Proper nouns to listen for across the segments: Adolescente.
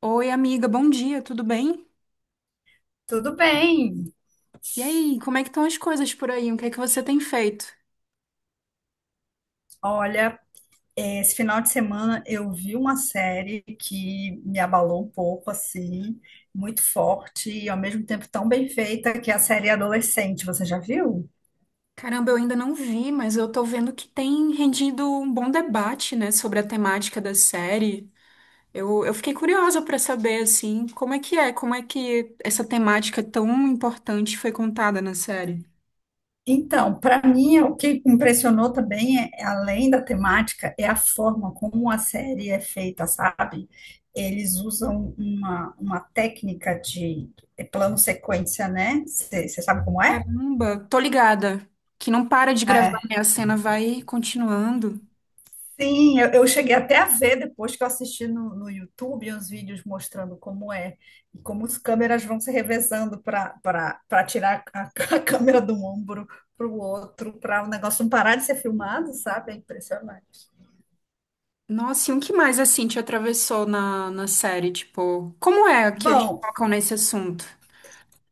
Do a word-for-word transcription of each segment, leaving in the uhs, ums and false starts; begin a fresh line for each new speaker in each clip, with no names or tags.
Oi, amiga, bom dia, tudo bem?
Tudo bem.
E aí, como é que estão as coisas por aí? O que é que você tem feito?
Olha, eh, esse final de semana eu vi uma série que me abalou um pouco, assim, muito forte e ao mesmo tempo tão bem feita, que é a série Adolescente. Você já viu?
Caramba, eu ainda não vi, mas eu tô vendo que tem rendido um bom debate, né, sobre a temática da série. Eu, eu fiquei curiosa pra saber, assim, como é que é, como é que essa temática tão importante foi contada na série.
Então, para mim, o que impressionou também, é, além da temática, é a forma como a série é feita, sabe? Eles usam uma, uma técnica de plano-sequência, né? Você sabe como é?
Caramba, tô ligada, que não para de gravar, né? A cena vai continuando.
Sim, eu, eu cheguei até a ver depois que eu assisti no, no YouTube uns vídeos mostrando como é e como as câmeras vão se revezando para para tirar a, a câmera de um ombro para o outro, para o negócio não parar de ser filmado, sabe? É impressionante.
Nossa, e o que mais, assim, te atravessou na, na série? Tipo, como é que eles
Bom,
tocam nesse assunto?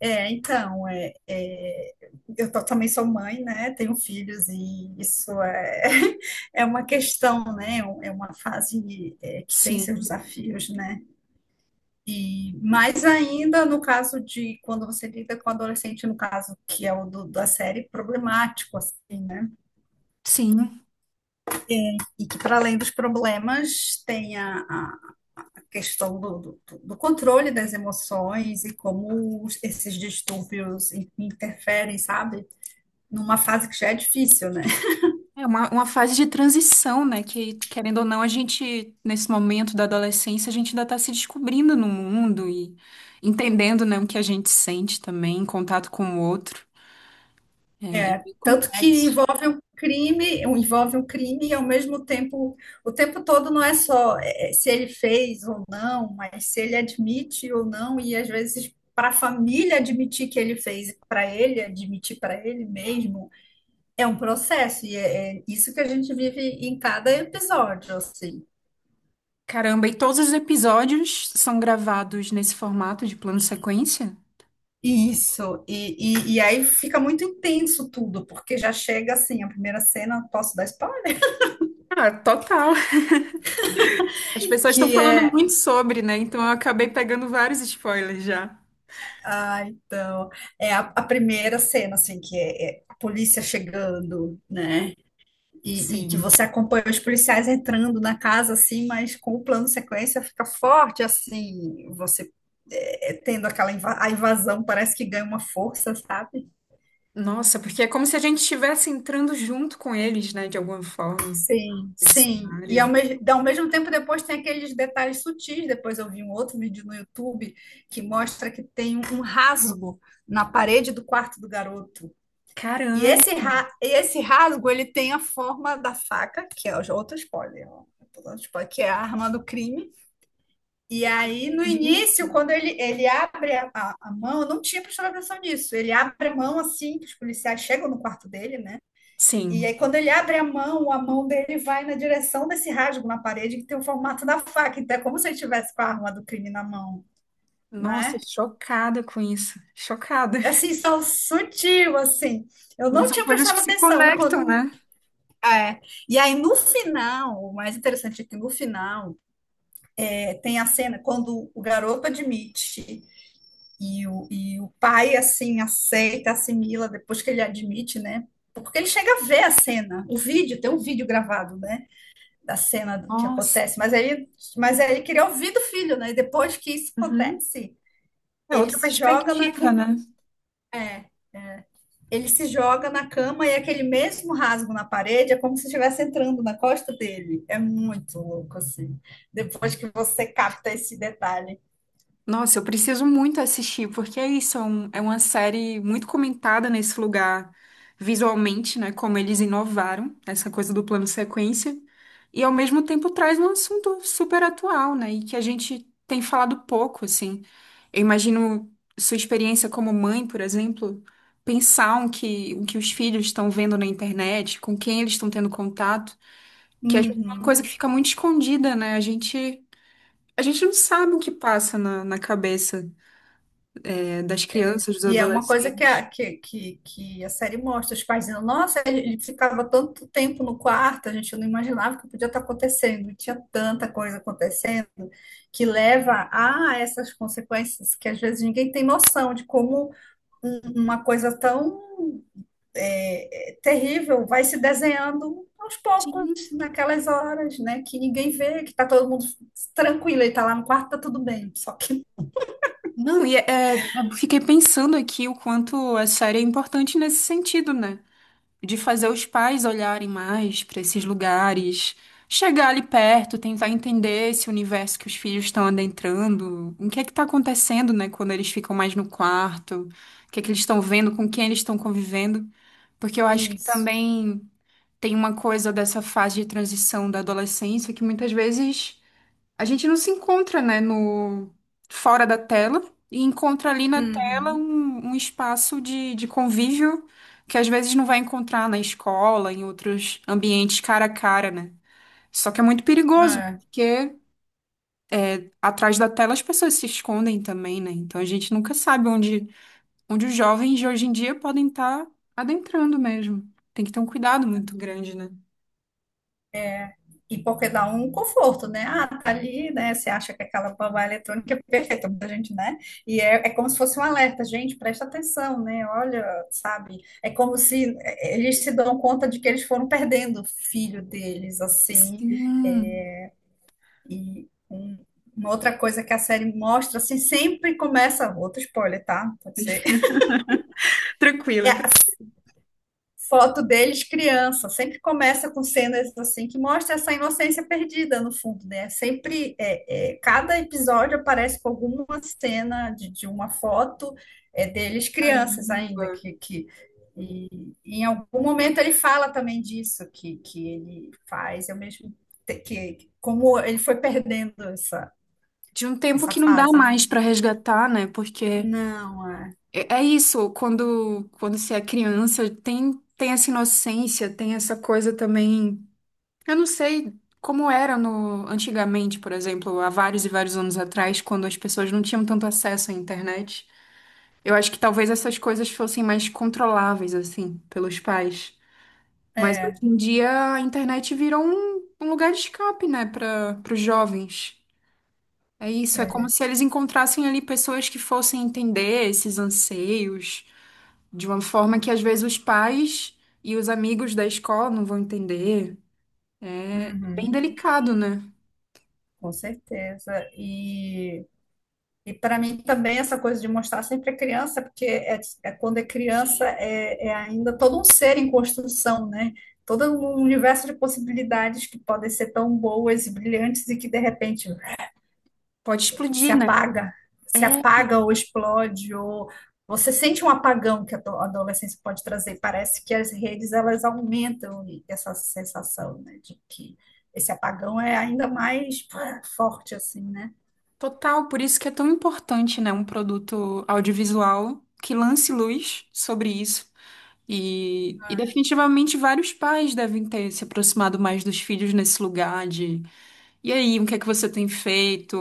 é, então, é, é, eu tô- também sou mãe, né? Tenho filhos e isso é, é uma questão, né? É uma fase, é, que tem
Sim,
seus desafios, né? E mais ainda no caso de quando você lida com adolescente, no caso que é o do- da série, problemático, assim, né?
sim.
E que para além dos problemas tem a, a questão do, do, do controle das emoções e como os- esses distúrbios interferem, sabe? Numa fase que já é difícil, né?
É uma, uma fase de transição, né? Que, querendo ou não, a gente, nesse momento da adolescência, a gente ainda está se descobrindo no mundo e entendendo, né, o que a gente sente também, em contato com o outro. É é bem
Tanto que
complexo.
envolve um crime, um, envolve um crime e ao mesmo tempo, o tempo todo não é só eh, se ele fez ou não, mas se ele admite ou não, e às vezes para a família admitir que ele fez, para ele admitir para ele mesmo, é um processo, e é, é isso que a gente vive em cada episódio, assim.
Caramba, e todos os episódios são gravados nesse formato de plano sequência?
Isso, e, e, e aí fica muito intenso tudo, porque já chega assim, a primeira cena, posso dar spoiler?
Ah, total. As pessoas estão
Que
falando
é
muito sobre, né? Então eu acabei pegando vários spoilers já.
Ah, então, é a, a primeira cena, assim, que é, é a polícia chegando, né? E, e que
Sim.
você acompanha os policiais entrando na casa, assim, mas com o plano sequência fica forte, assim, você é, é, tendo aquela inva- a invasão, parece que ganha uma força, sabe?
Nossa, porque é como se a gente estivesse entrando junto com eles, né, de alguma forma,
Sim,
nesse
sim. E ao,
cenário.
mes- ao mesmo tempo, depois tem aqueles detalhes sutis. Depois eu vi um outro vídeo no YouTube que mostra que tem um rasgo na parede do quarto do garoto. E
Caramba,
esse, ra e esse rasgo, ele tem a forma da faca, que é o- outro spoiler, ó. Eu tô dando spoiler, que é a arma do crime. E aí, no
entendi.
início, quando ele, ele abre a, a- a mão, eu não tinha prestado atenção nisso. Ele abre a mão assim, que os policiais chegam no quarto dele, né? E aí,
Sim.
quando ele abre a mão, a mão dele vai na direção desse rasgo na parede, que tem o formato da faca. Então, é como se ele tivesse com a arma do crime na mão,
Nossa,
né?
chocada com isso. Chocada.
É, assim, só sutil, assim. Eu
Mas
não
são
tinha
coisas que
prestado
se
atenção.
conectam,
Quando
né?
É. E aí no final, o mais interessante é que no final é, tem a cena quando o garoto admite e o, e o pai assim aceita, assimila depois que ele admite, né? Porque ele chega a ver a cena, o vídeo, tem um vídeo gravado, né? Da cena do que
Nossa.
acontece, mas aí, mas aí ele queria ouvir do filho, né? E depois que isso
Uhum.
acontece,
É
ele
outra
se joga na,
perspectiva, né?
ele se joga na cama e é aquele mesmo rasgo na parede é como se estivesse entrando na costa dele. É muito louco, assim. Depois que você capta esse detalhe.
Nossa, eu preciso muito assistir, porque é isso, é, um- é uma série muito comentada nesse lugar visualmente, né? Como eles inovaram essa coisa do plano sequência, e ao mesmo tempo traz um assunto super atual, né? E que a gente tem falado pouco, assim. Eu imagino sua experiência como mãe, por exemplo, pensar o que, o que os filhos estão vendo na internet, com quem eles estão tendo contato, que às vezes é uma coisa
Uhum.
que fica muito escondida, né? A gente, a gente não sabe o que passa na na cabeça das crianças, dos
E é uma coisa que
adolescentes.
a, que, que, que a série mostra. Os pais dizendo, nossa, ele ele ficava tanto tempo no quarto, a gente não imaginava que podia estar acontecendo. Tinha tanta coisa acontecendo que leva a essas consequências que às vezes ninguém tem noção de como um- uma coisa tão é, é terrível vai se desenhando aos poucos,
Sim.
naquelas horas, né? Que ninguém vê, que tá todo mundo tranquilo, ele tá lá no quarto, tá tudo bem. Só que
Não, e é, é, eu fiquei pensando aqui o quanto a série é importante nesse sentido, né? De fazer os pais olharem mais para esses lugares, chegar ali perto, tentar entender esse universo que os filhos estão adentrando, o que é que está acontecendo, né, quando eles ficam mais no quarto, o que é que eles estão vendo, com quem eles estão convivendo, porque eu acho que
isso.
também tem uma coisa dessa fase de transição da adolescência que muitas vezes a gente não se encontra, né, no fora da tela e encontra ali na tela
Uhum.
um, um espaço de, de convívio que às vezes não vai encontrar na escola, em outros ambientes cara a cara, né? Só que é muito perigoso,
É.
porque atrás da tela as pessoas se escondem também, né? Então a gente nunca sabe onde, onde os jovens de hoje em dia podem estar adentrando mesmo. Tem que ter um cuidado muito grande, né?
E porque dá um conforto, né? Ah, tá ali, né? Você acha que aquela babá eletrônica é perfeita pra gente, né? E é, é como se fosse um alerta, gente, presta atenção, né? Olha, sabe? É como se é, eles se dão conta de que eles foram perdendo o filho deles, assim,
Sim,
e um- uma outra coisa que a série mostra, assim, sempre começa, outro spoiler, tá? Pode ser. É
tranquila.
a foto deles criança, sempre começa com cenas assim que mostra essa inocência perdida no fundo, né? Sempre, é, é, cada episódio aparece com alguma cena de, de uma foto é, deles crianças
Caramba.
ainda, que, que e, em algum momento ele fala também disso, que, que ele faz, eu mesmo, que, que- como ele foi perdendo essa,
De um tempo
essa
que não dá
fase, né?
mais para resgatar, né? Porque
Não, é.
é é isso, quando quando você é criança, tem tem essa inocência, tem essa coisa também. Eu não sei como era no antigamente, por exemplo, há vários e vários anos atrás, quando as pessoas não tinham tanto acesso à internet. Eu acho que talvez essas coisas fossem mais controláveis assim pelos pais. Mas hoje
É,
em dia a internet virou um, um lugar de escape, né, para os jovens. É isso, é como
é.
se eles encontrassem ali pessoas que fossem entender esses anseios de uma forma que às vezes os pais e os amigos da escola não vão entender. É bem
Uhum,
delicado, né?
com certeza. E, e para mim também essa coisa de mostrar sempre a criança, porque é, é quando é criança é, é ainda todo um ser em construção, né? Todo um universo de possibilidades que podem ser tão boas e brilhantes e que de repente
Pode
se
explodir, né?
apaga, se
É
apaga ou explode, ou você sente um apagão que a ado- a adolescência pode trazer. Parece que as redes elas aumentam essa sensação, né, de que esse apagão é ainda mais pá, forte assim, né?
total, por isso que é tão importante, né, um produto audiovisual que lance luz sobre isso. E, e definitivamente vários pais devem ter se aproximado mais dos filhos nesse lugar. E aí, o que é que você tem feito?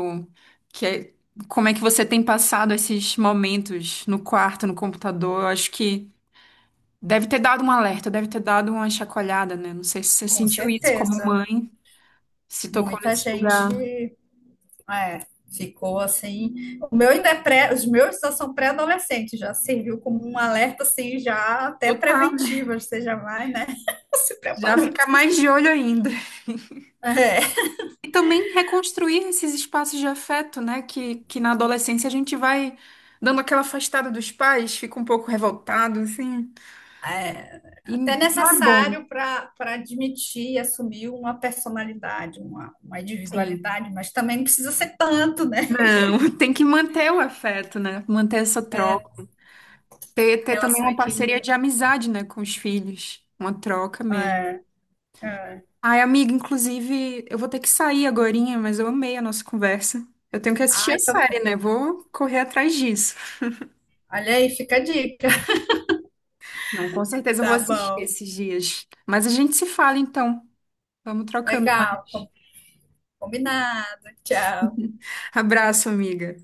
Que é- Como é que você tem passado esses momentos no quarto, no computador? Eu acho que deve ter dado um alerta, deve ter dado uma chacoalhada, né? Não sei se você
Com
sentiu isso como
certeza.
mãe, se tocou
Muita
nesse lugar.
gente é, ficou assim. O meu ainda é pré, os meus já são pré-adolescentes, já serviu como um alerta assim, já até
Total, né?
preventivo, você já vai, né? Se
Já
preparando.
fica mais de olho ainda.
É.
E também reconstruir esses espaços de afeto, né? Que, que na adolescência a gente vai dando aquela afastada dos pais, fica um pouco revoltado, assim.
É,
E
até
e não é bom,
necessário para para admitir e assumir uma personalidade, uma, uma
sim.
individualidade, mas também não precisa ser tanto, né?
Não, tem que manter o afeto, né? Manter essa troca. Ter, ter também
Relação
uma parceria
equilibrada.
de amizade, né, com os filhos. Uma troca mesmo.
É, é.
Ai, amiga, inclusive, eu vou ter que sair agorinha, mas eu amei a nossa conversa. Eu tenho que assistir a
Ai, tô
série,
bem.
né? Vou correr atrás disso.
Olha aí, fica a dica.
Não, com certeza eu vou
Tá
assistir
bom.
esses dias. Mas a gente se fala então. Vamos trocando mais.
Legal. Combinado. Tchau.
Abraço, amiga.